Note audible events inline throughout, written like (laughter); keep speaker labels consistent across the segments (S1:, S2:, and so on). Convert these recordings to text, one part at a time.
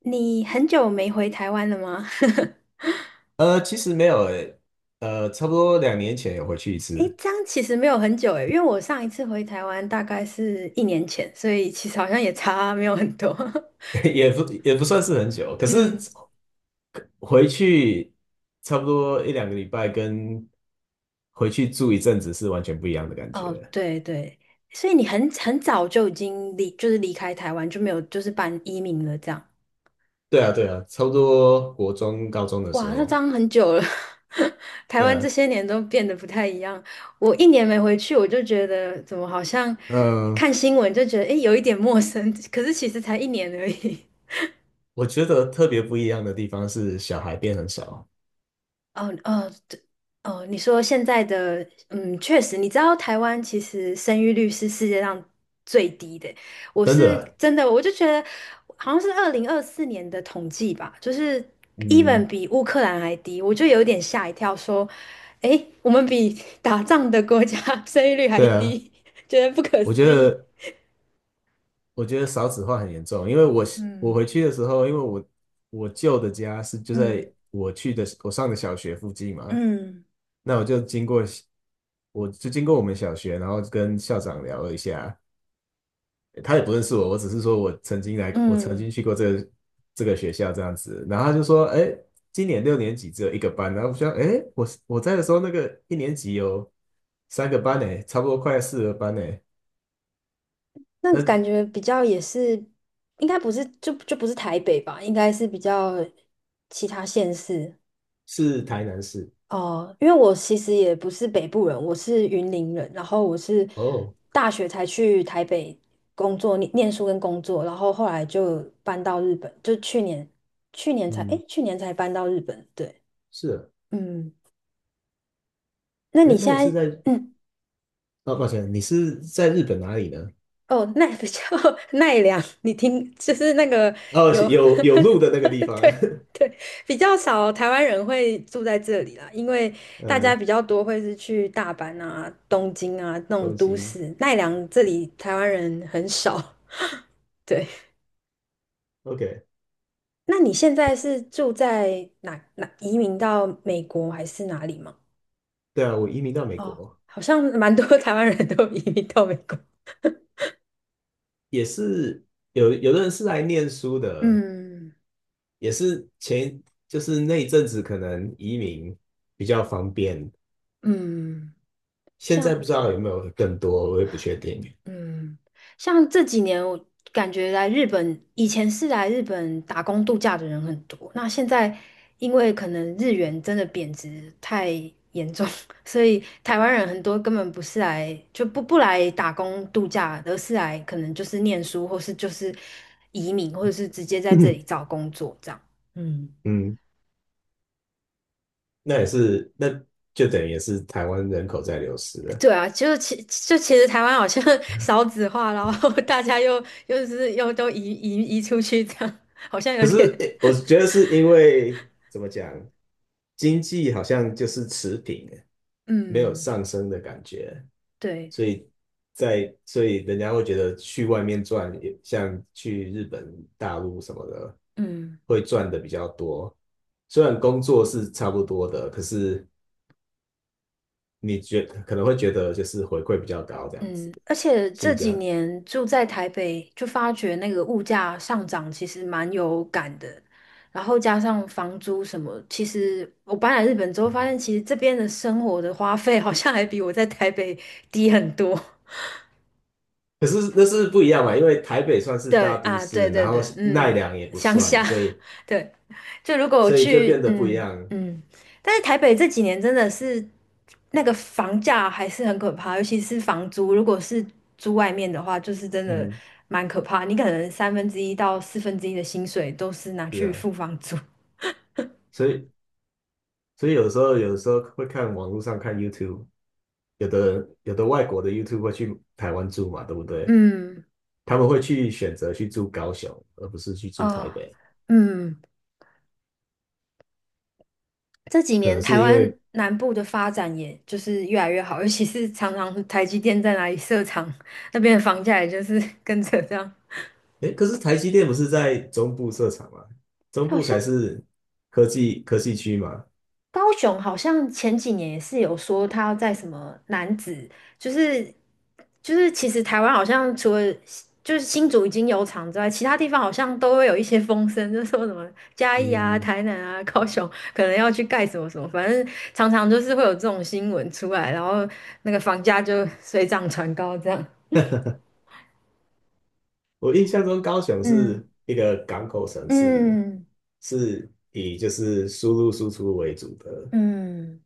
S1: 你很久没回台湾了吗？(laughs)
S2: 其实没有诶。差不多两年前有回去一
S1: 诶，
S2: 次。
S1: 这样其实没有很久诶，因为我上一次回台湾大概是一年前，所以其实好像也差没有很多。
S2: (laughs) 也不算是很久，
S1: (laughs)
S2: 可是
S1: 嗯。
S2: 回去差不多一两个礼拜，跟回去住一阵子是完全不一样的感
S1: 哦，
S2: 觉。
S1: 对，对。所以你很早就已经就是离开台湾，就没有就是办移民了这样。
S2: 对啊，对啊，差不多国中、高中的时
S1: 哇，那这
S2: 候。
S1: 样很久了。(laughs) 台
S2: 对
S1: 湾这
S2: 啊。
S1: 些年都变得不太一样。我一年没回去，我就觉得怎么好像
S2: 嗯、
S1: 看新闻就觉得诶有一点陌生，(laughs) 可是其实才一年而已。(laughs)
S2: 我觉得特别不一样的地方是小孩变很少。
S1: 哦，哦，对。哦，你说现在的。嗯，确实。你知道台湾其实生育率是世界上最低的。我
S2: 真的
S1: 是
S2: 欸。
S1: 真的，我就觉得好像是2024年的统计吧，就是 even
S2: 嗯。
S1: 比乌克兰还低，我就有点吓一跳，说，诶，我们比 (laughs) 打仗的国家 (laughs) 生育率还
S2: 对啊，
S1: 低，觉得不可
S2: 我觉
S1: 思议。
S2: 得。我觉得少子化很严重，因为我
S1: 嗯，
S2: 回去的时候，因为我舅的家是就
S1: 嗯，
S2: 在我去的我上的小学附近嘛。
S1: 嗯，
S2: 那我就经过，我就经过我们小学，然后跟校长聊了一下，他也不认识我，我只是说我曾经来，我曾
S1: 嗯。
S2: 经去过这个这个学校这样子。然后他就说，哎，今年六年级只有一个班。然后我想，哎，我在的时候那个一年级有三个班诶，差不多快四个班诶。
S1: 那感
S2: 那
S1: 觉比较也是，应该不是就不是台北吧，应该是比较其他县市。
S2: 是台南市。
S1: 哦。因为我其实也不是北部人，我是云林人，然后我是
S2: 哦。
S1: 大学才去台北工作，念书跟工作，然后后来就搬到日本，就去年去年才
S2: 嗯。
S1: 诶，去年才搬到日本。对。
S2: 是啊。
S1: 嗯。那
S2: 哎，
S1: 你
S2: 那
S1: 现
S2: 你是
S1: 在
S2: 在……
S1: (clears throat)
S2: 哦，抱歉，你是在日本哪里呢？
S1: 哦，奈比较 (laughs) 奈良，你听，就是那个
S2: 哦，
S1: 有。
S2: 有有路的那个地
S1: (laughs)
S2: 方。
S1: 对。对。比较少台湾人会住在这里啦，因
S2: (laughs)
S1: 为大家
S2: 呃，
S1: 比较多会是去大阪啊、东京啊那种
S2: 东
S1: 都
S2: 京。
S1: 市，奈良这里台湾人很少。对。
S2: OK。
S1: 那你现在是住在哪移民到美国还是哪里吗？
S2: 对啊，我移民到美
S1: 哦，
S2: 国。
S1: 好像蛮多 (laughs) 台湾人都移民到美国。
S2: 也是有有的人是来念书的。
S1: 嗯，
S2: 也是就是那一阵子可能移民比较方便，
S1: 嗯。
S2: 现在
S1: 像
S2: 不知道有没有更多，我也不确定。(coughs)
S1: 嗯，像这几年我感觉来日本，以前是来日本打工度假的人很多，那现在因为可能日元真的贬值太严重，(laughs) 所以台湾人很多根本不是来就不来打工度假，而是来可能就是念书，或是就是移民，或者是直接在这里
S2: (clears throat)
S1: 找工作这样。嗯。
S2: 嗯，那也是。那就等于也是台湾人口在流失
S1: (laughs)
S2: 了。
S1: 对啊，就其就其实台湾好像 (laughs) 少子化，然后大家又都移出去这样，(laughs) 好像有
S2: 可是
S1: 点。
S2: 诶我觉得是因为怎么讲，经济好像就是持平，没有
S1: 嗯，
S2: 上升的感觉。
S1: 对，
S2: 所以所以人家会觉得去外面赚，也像去日本、大陆什么的，
S1: 嗯，
S2: 会赚的比较多。虽然工作是差不多的，可是可能会觉得就是回馈比较高这样子。
S1: 嗯。而且这
S2: 性
S1: 几
S2: 价。
S1: 年住在台北，就发觉那个物价上涨其实蛮有感的，然后加上房租什么，其实我搬来日本之后发现，其实这边的生活的花费好像还比我在台北低很多。
S2: 可是那是不一样嘛，因为台北算是
S1: 对
S2: 大都
S1: 啊，对，
S2: 市，然
S1: 对，
S2: 后
S1: 对。
S2: 奈
S1: 嗯。
S2: 良也不
S1: 乡
S2: 算，
S1: 下。
S2: 所以
S1: (laughs) 对。就如果我
S2: 所以就
S1: 去。
S2: 变得不一
S1: 嗯，
S2: 样。
S1: 嗯。但是台北这几年真的是那个房价还是很可怕，尤其是房租，如果是租外面的话，就是真的
S2: 嗯，
S1: 蛮可怕。你可能三分之一到四分之一的薪水都是拿
S2: 是
S1: 去
S2: 啊。
S1: 付房租。
S2: 所以所以有时候会看网络上看 YouTube，有的外国的 YouTube 会去台湾住嘛，对不
S1: (laughs)
S2: 对？
S1: 嗯。
S2: 他们会去选择去住高雄，而不是去住台
S1: 哦。
S2: 北。
S1: 嗯。这几
S2: 可
S1: 年
S2: 能
S1: 台
S2: 是因
S1: 湾
S2: 为，
S1: 南部的发展也就是越来越好，尤其是常常台积电在哪里设厂，那边的房价也就是跟着这样。
S2: 哎，可是台积电不是在中部设厂吗？中
S1: 好
S2: 部
S1: 像。
S2: 才是科技区嘛。
S1: 高雄好像前几年也是有说他要在什么男子，就是就是其实台湾好像除了就是新竹已经有厂之外，其他地方好像都会有一些风声，就说什么嘉义啊、
S2: 嗯，
S1: 台南啊、高雄可能要去盖什么什么，反正常常就是会有这种新闻出来，然后那个房价就水涨船高这样。
S2: 我印象中高雄
S1: 嗯，
S2: 是一个港口城市，
S1: 嗯，
S2: 是以就是输入输出为主的。
S1: 嗯。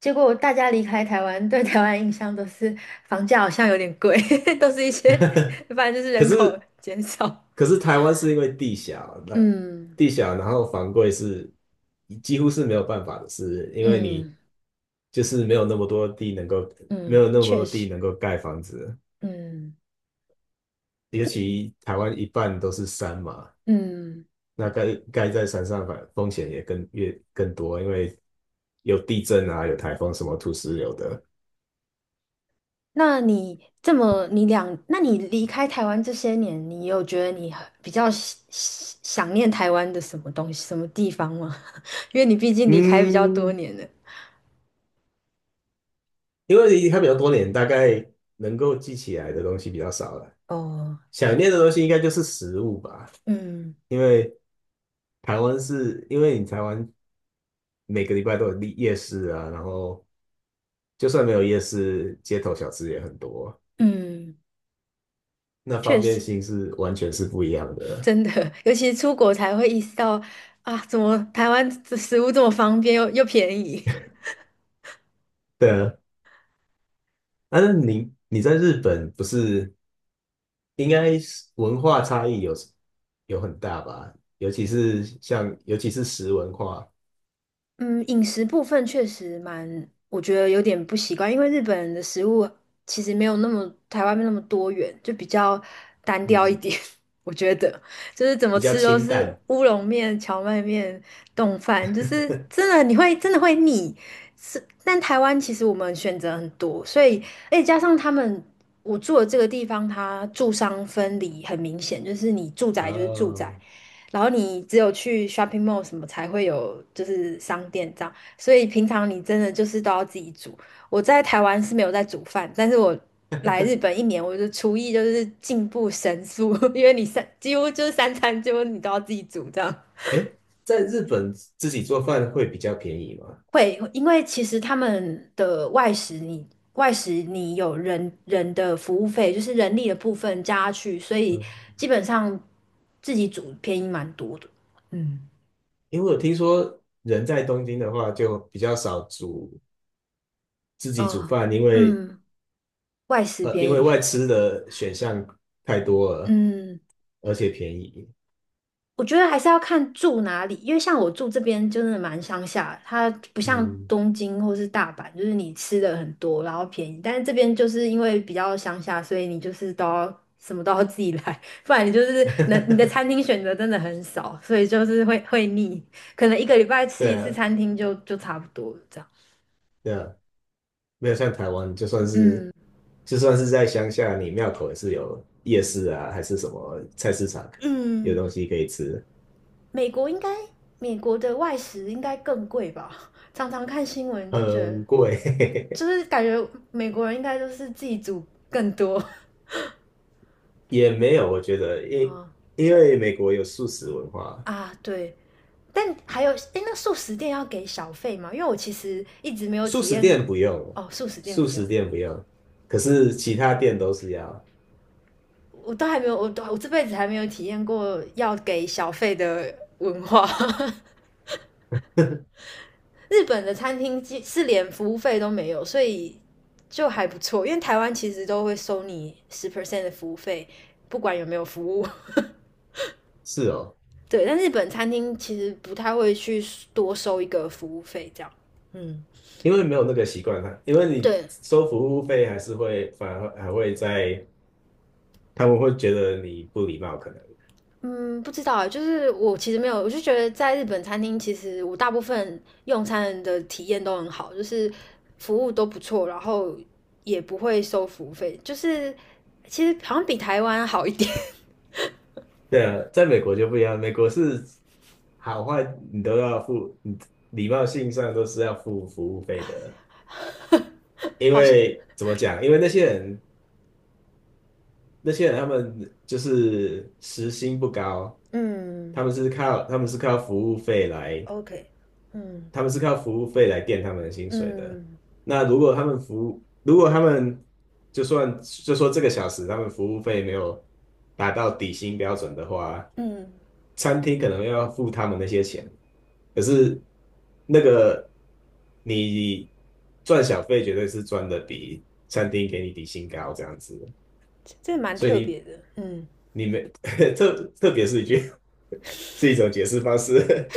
S1: 结果大家离开台湾，对台湾印象都是房价好像有点贵，(laughs) 都是一些，反正就是
S2: (laughs) 可
S1: 人口
S2: 是
S1: 减少。
S2: 可是台湾是因为地小，那
S1: 嗯，
S2: 地小，然后房贵是几乎是没有办法的事，因为你
S1: 嗯，
S2: 就是没有那么多地能够，没
S1: 嗯，
S2: 有那么
S1: 确
S2: 多地
S1: 实，
S2: 能够盖房子。
S1: 嗯，
S2: 尤其台湾一半都是山嘛，
S1: 嗯。
S2: 那盖盖在山上反风险也更越更多，因为有地震啊，有台风，什么土石流的。
S1: 那你这么你两，那你离开台湾这些年，你有觉得你很比较想念台湾的什么东西、什么地方吗？(laughs) 因为你毕竟离开比较多
S2: 嗯，
S1: 年了。
S2: 因为离开比较多年，大概能够记起来的东西比较少了。
S1: 哦。
S2: 想念的东西应该就是食物吧，
S1: 嗯，
S2: 因为台湾是，因为你台湾每个礼拜都有夜夜市啊。然后就算没有夜市，街头小吃也很多。
S1: 嗯，
S2: 那
S1: 确
S2: 方便
S1: 实。
S2: 性是完全是不一样的。
S1: 真的，尤其是出国才会意识到啊，怎么台湾这食物这么方便又便宜。
S2: 对啊，但是你你在日本不是应该是文化差异有很大吧？尤其是像尤其是食文化。
S1: 嗯，饮食部分确实蛮，我觉得有点不习惯，因为日本人的食物其实没有那么台湾那么多元，就比较单调一
S2: 嗯，
S1: 点。(laughs) 我觉得就是怎么
S2: 比较
S1: 吃都
S2: 清
S1: 是
S2: 淡。
S1: 乌龙面、荞麦面、冻饭，就是真的你会真的会腻。是，但台湾其实我们选择很多，所以而且加上他们我住的这个地方，它住商分离很明显，就是你住宅就是住宅。
S2: 哦，
S1: 然后你只有去 shopping mall 什么才会有就是商店这样，所以平常你真的就是都要自己煮。我在台湾是没有在煮饭，但是我来日本一年，我的厨艺就是进步神速。(laughs) 因为你几乎就是三餐几乎你都要自己煮这样。
S2: 哎，在日本自己做饭会比较便宜吗？
S1: 会，因为其实他们的外食你，外食你有人的服务费，就是人力的部分加去，所以
S2: 嗯，
S1: 基本上自己煮便宜蛮多的。嗯。
S2: 因为我听说人在东京的话就比较少自己煮
S1: 哦。
S2: 饭，因为
S1: 嗯。外食
S2: 因
S1: 便
S2: 为
S1: 宜。
S2: 外吃的选项太多了，
S1: 嗯，
S2: 而且便宜。
S1: 我觉得还是要看住哪里，因为像我住这边就是蛮乡下，它不像
S2: 嗯。
S1: 东京或是大阪，就是你吃的很多，然后便宜，但是这边就是因为比较乡下，所以你就是都要什么都要自己来，(laughs) 不然你就是能你的餐
S2: (laughs)
S1: 厅选择真的很少，所以就是会腻，可能一个礼拜吃
S2: 对
S1: 一次
S2: 啊，
S1: 餐厅就差不多了这样。
S2: 对啊，没有像台湾，
S1: 嗯，
S2: 就算是在乡下，你庙口也是有夜市啊，还是什么菜市场，有
S1: 嗯。
S2: 东西可以吃。
S1: 美国应该美国的外食应该更贵吧？(laughs) 常常看新闻都觉得。
S2: 很
S1: 就
S2: 贵。
S1: 是感觉美国人应该都是自己煮更多。(laughs)
S2: (laughs) 也没有，我觉得，
S1: 啊，
S2: 因为美国有素食文化。
S1: 啊，对。但还有，哎，那素食店要给小费吗？因为我其实一直没有
S2: 素
S1: 体
S2: 食
S1: 验。
S2: 店不用。
S1: 哦，素食店
S2: 素
S1: 不用。
S2: 食店不用，可是其他店都是要。
S1: 我都还没有，我这辈子还没有体验过要给小费的文化。
S2: (laughs)
S1: (laughs) 日本的餐厅是连服务费都没有，所以就还不错。因为台湾其实都会收你10% percent 的服务费，不管有没有服务。
S2: 是哦。
S1: 对，但日本餐厅其实不太会去多收一个服务费这样。嗯，
S2: 因为没有那个习惯啊，因为你
S1: 对，
S2: 收服务费还是会反而还会在，他们会觉得你不礼貌，可能。
S1: 嗯，不知道啊，就是我其实没有，我就觉得在日本餐厅，其实我大部分用餐的体验都很好，就是服务都不错，然后也不会收服务费，就是其实好像比台湾好一点。
S2: 对啊，在美国就不一样，美国是好坏你都要付，你礼貌性上都是要付服务费的。
S1: (laughs)
S2: 因
S1: 好像。
S2: 为怎么讲？因为那些人，那些人他们就是时薪不高，
S1: 嗯
S2: 他们是靠服务费来，
S1: ，OK，嗯，
S2: 他们是靠服务费来垫他们的薪水的。
S1: 嗯，
S2: 那如果他们服务，如果他们就算就说这个小时他们服务费没有达到底薪标准的话，
S1: 嗯。
S2: 餐厅可能要付他们那些钱。可是那个你赚小费绝对是赚的比餐厅给你底薪高这样子的。
S1: 这蛮
S2: 所
S1: 特
S2: 以
S1: 别的。嗯，
S2: 你你没 (laughs) 特特别是一句 (laughs) 是一种解释方式。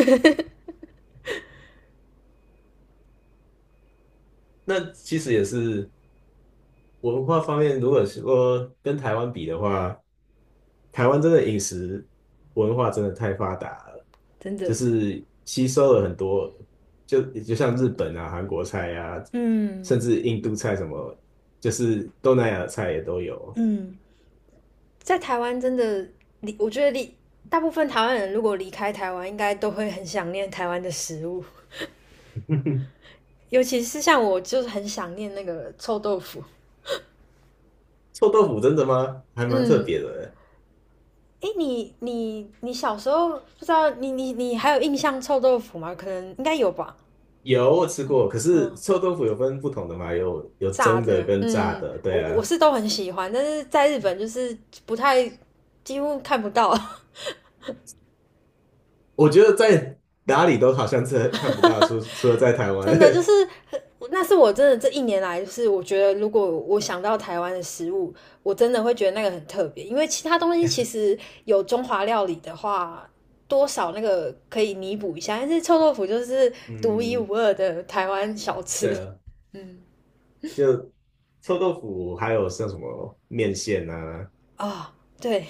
S2: (laughs) 那其实也是文化方面，如果说跟台湾比的话，台湾真的饮食文化真的太发达了，
S1: 真
S2: 就
S1: 的。
S2: 是吸收了很多，就像日本啊、韩国菜啊，甚
S1: 嗯，
S2: 至印度菜什么，就是东南亚菜也都有。
S1: 嗯。在台湾真的我觉得离大部分台湾人如果离开台湾，应该都会很想念台湾的食物，
S2: (laughs)
S1: 尤其是像我，就是很想念那个臭豆腐。
S2: 臭豆腐真的吗？还蛮特
S1: 嗯。
S2: 别的欸。
S1: 诶，你你小时候不知道你你还有印象臭豆腐吗？可能应该有吧。
S2: 有，我吃过，可是
S1: 嗯。
S2: 臭豆腐有分不同的嘛，有有
S1: 炸
S2: 蒸的
S1: 的。
S2: 跟炸
S1: 嗯，
S2: 的。
S1: 我
S2: 对
S1: 我
S2: 啊。
S1: 是都很喜欢，但是在日本就是不太几乎看不到。
S2: 我觉得在哪里都好像这看不到，除了在台湾。
S1: 真的就是，那是我真的这一年来，就是我觉得，如果我想到台湾的食物，我真的会觉得那个很特别，因为其他东西其
S2: (laughs)
S1: 实有中华料理的话，多少那个可以弥补一下，但是臭豆腐就是独一
S2: 嗯，
S1: 无二的台湾小吃。
S2: 对啊。
S1: 嗯，
S2: 就臭豆腐，还有像什么面线啊、
S1: 啊，哦，对。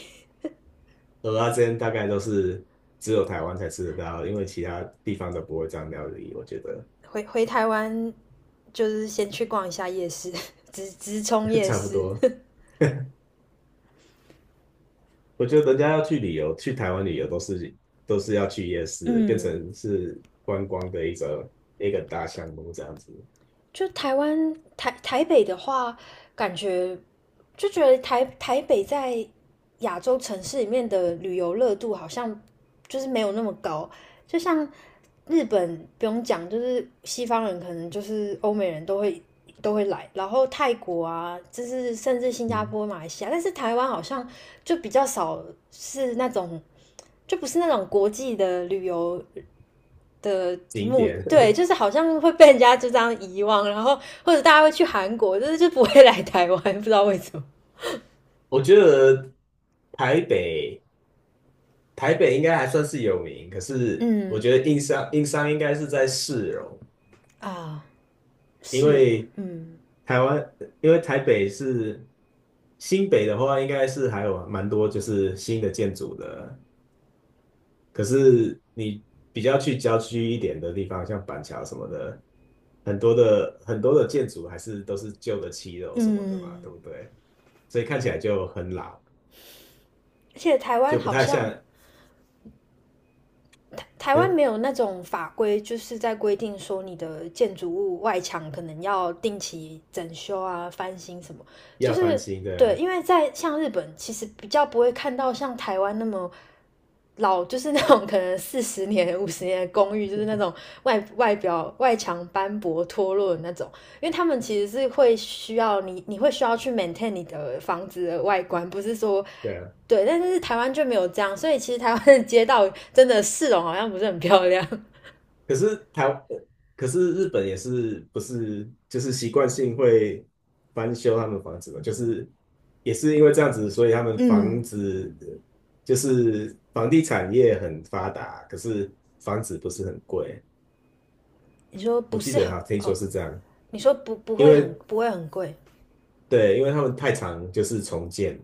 S2: 蚵仔煎，大概都是只有台湾才吃得到，因为其他地方都不会这样料理。我觉得
S1: 回台湾就是先去逛一下夜市。(laughs) 直冲
S2: (laughs)
S1: 夜
S2: 差不
S1: 市。
S2: 多。我觉得人家要去旅游，去台湾旅游都是要去夜市，变
S1: 嗯。
S2: 成是观光的一个大项目这样子。
S1: 就台湾台台北的话，感觉就觉得台北在亚洲城市里面的旅游热度好像就是没有那么高，就像日本不用讲，就是西方人可能就是欧美人都会来，然后泰国啊，就是甚至新加
S2: 嗯。
S1: 坡、马来西亚，但是台湾好像就比较少是那种，就不是那种国际的旅游的
S2: (laughs) 景
S1: 目，
S2: 点。
S1: 对，就是好像会被人家就这样遗忘，然后或者大家会去韩国，就是就不会来台湾，不知道为什么。
S2: (laughs) 我觉得台北台北应该还算是有名，可是我
S1: 嗯，
S2: 觉得硬伤应该是在市容。
S1: 啊，
S2: 因
S1: 是哦，
S2: 为
S1: 嗯，
S2: 台湾，因为台北是新北的话，应该是还有蛮多就是新的建筑的。可是你比较去郊区一点的地方，像板桥什么的，很多的建筑还是都是旧的七楼什么的嘛，对
S1: 嗯。
S2: 不对？所以看起来就很老，
S1: 而且台湾
S2: 就不
S1: 好
S2: 太
S1: 像
S2: 像。
S1: 台湾
S2: 嗯，
S1: 没有那种法规，就是在规定说你的建筑物外墙可能要定期整修啊、翻新什么，就
S2: 要翻
S1: 是
S2: 新
S1: 对，
S2: 的。
S1: 因为在像日本，其实比较不会看到像台湾那么老，就是那种可能40年、50年的公寓，就是那种外墙斑驳脱落的那种，因为他们其实是会需要你，你会需要去 maintain 你的房子的外观，不是说
S2: 对啊。
S1: 对，但是台湾就没有这样，所以其实台湾的街道真的市容好像不是很漂亮。(laughs)
S2: 可是台，呃可是日本也是不是就是习惯性会翻修他们房子嘛？就是也是因为这样子，所以他们房
S1: 嗯。
S2: 子就是房地产业很发达，可是房子不是很贵。
S1: 你说不
S2: 我记
S1: 是
S2: 得
S1: 很
S2: 哈，听说
S1: 哦？
S2: 是这样。
S1: 你说不
S2: 因
S1: 会
S2: 为
S1: 很不会很贵？
S2: 对，因为他们太常就是重建，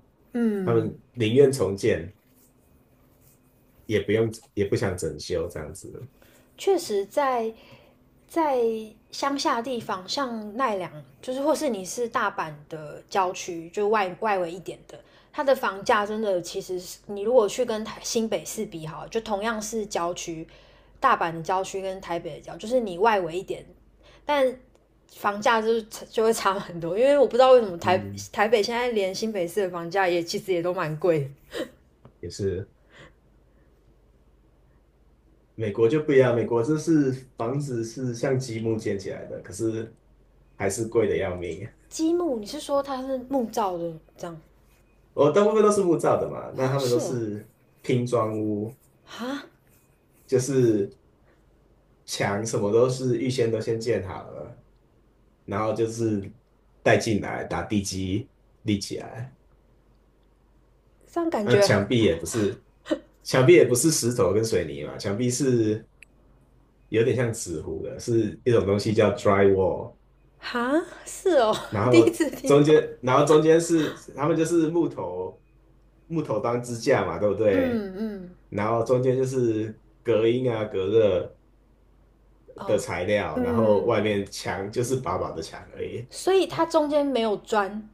S2: 他
S1: 嗯，
S2: 们宁愿重建也不用也不想整修这样子。
S1: 确实在在乡下地方，像奈良，就是或是你是大阪的郊区，就外围一点的，它的房价真的其实你如果去跟台新北市比好就同样是郊区，大阪的郊区跟台北的郊，就是你外围一点，但房价就是就会差很多，因为我不知道为什么
S2: 嗯，
S1: 台北现在连新北市的房价也其实也都蛮贵的。
S2: 也是。美国就不一样，美国就是房子是像积木建起来的，可是还是贵的要命。
S1: 积木，你是说它是木造的这样？
S2: 我大部分都是木造的嘛，那
S1: 哦，
S2: 他们
S1: 是
S2: 都
S1: 哦。
S2: 是拼装屋，
S1: 啊。
S2: 就是墙什么都是预先都先建好了，然后就是带进来打地基立起来。
S1: 这样感
S2: 那
S1: 觉很。
S2: 墙壁也不是，墙壁也不是石头跟水泥嘛，墙壁是有点像纸糊的，是一种东西叫 drywall。
S1: 哈，是哦。
S2: 然
S1: (laughs) 第一
S2: 后
S1: 次听
S2: 中
S1: 到。
S2: 间，然后中间是他们就是木头当支架嘛，对不
S1: 嗯，
S2: 对？
S1: 嗯，
S2: 然后中间就是隔音啊、隔热的
S1: 哦。
S2: 材料，然后
S1: 嗯，
S2: 外面墙就是薄薄的墙而已。
S1: 所以它中间没有砖。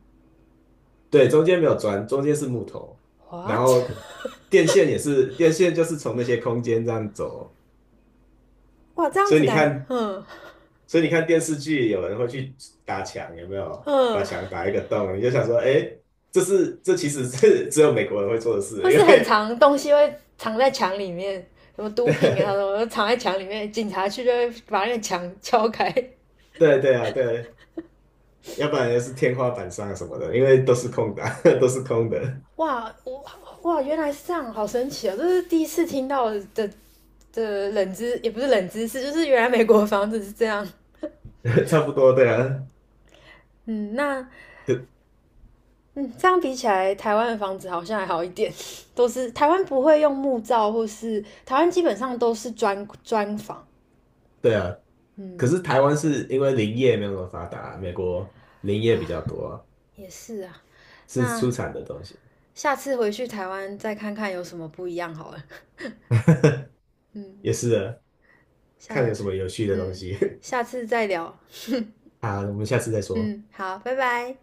S2: 对，中间没有砖，中间是木头。然
S1: What？
S2: 后电线也是，电线就是从那些空间这样走。
S1: (laughs) 哇，这样
S2: 所以
S1: 子
S2: 你
S1: 感。
S2: 看，
S1: 嗯，
S2: 所以你看电视剧，有人会去打墙，有没有？把
S1: 嗯。
S2: 墙打一个洞，你就想说，哎，这其实是 (laughs) 只有美国人会做的
S1: 或
S2: 事，因
S1: 是很
S2: 为
S1: 长东西会藏在墙里面，什么毒品啊，什么
S2: (laughs)
S1: 藏在墙里面，警察去就会把那个墙敲开。
S2: 对啊，对。要不然就是天花板上什么的，因为都是空的啊 (laughs) 都是空的。
S1: (laughs) 哇，我。哇，原来是这样，好神奇啊、哦！这是第一次听到的冷知，也不是冷知识，就是原来美国的房子是这样。
S2: (laughs) 差不多，对啊。
S1: 嗯。那。
S2: 可
S1: 嗯，这样比起来，台湾的房子好像还好一点。(laughs) 都是台湾不会用木造，或是台湾基本上都是砖房。
S2: 对啊，可
S1: 嗯。
S2: 是台湾是因为林业没有那么发达啊，美国林业比较多，
S1: 也是啊。
S2: 是出
S1: 那
S2: 产的东西。
S1: 下次回去台湾再看看有什么不一样好了。嗯。
S2: 也是的，
S1: 下
S2: 看有什么有趣的东
S1: 嗯
S2: 西。
S1: 下次再聊。
S2: (laughs) 好，我们下次再说。
S1: 嗯，好，拜拜。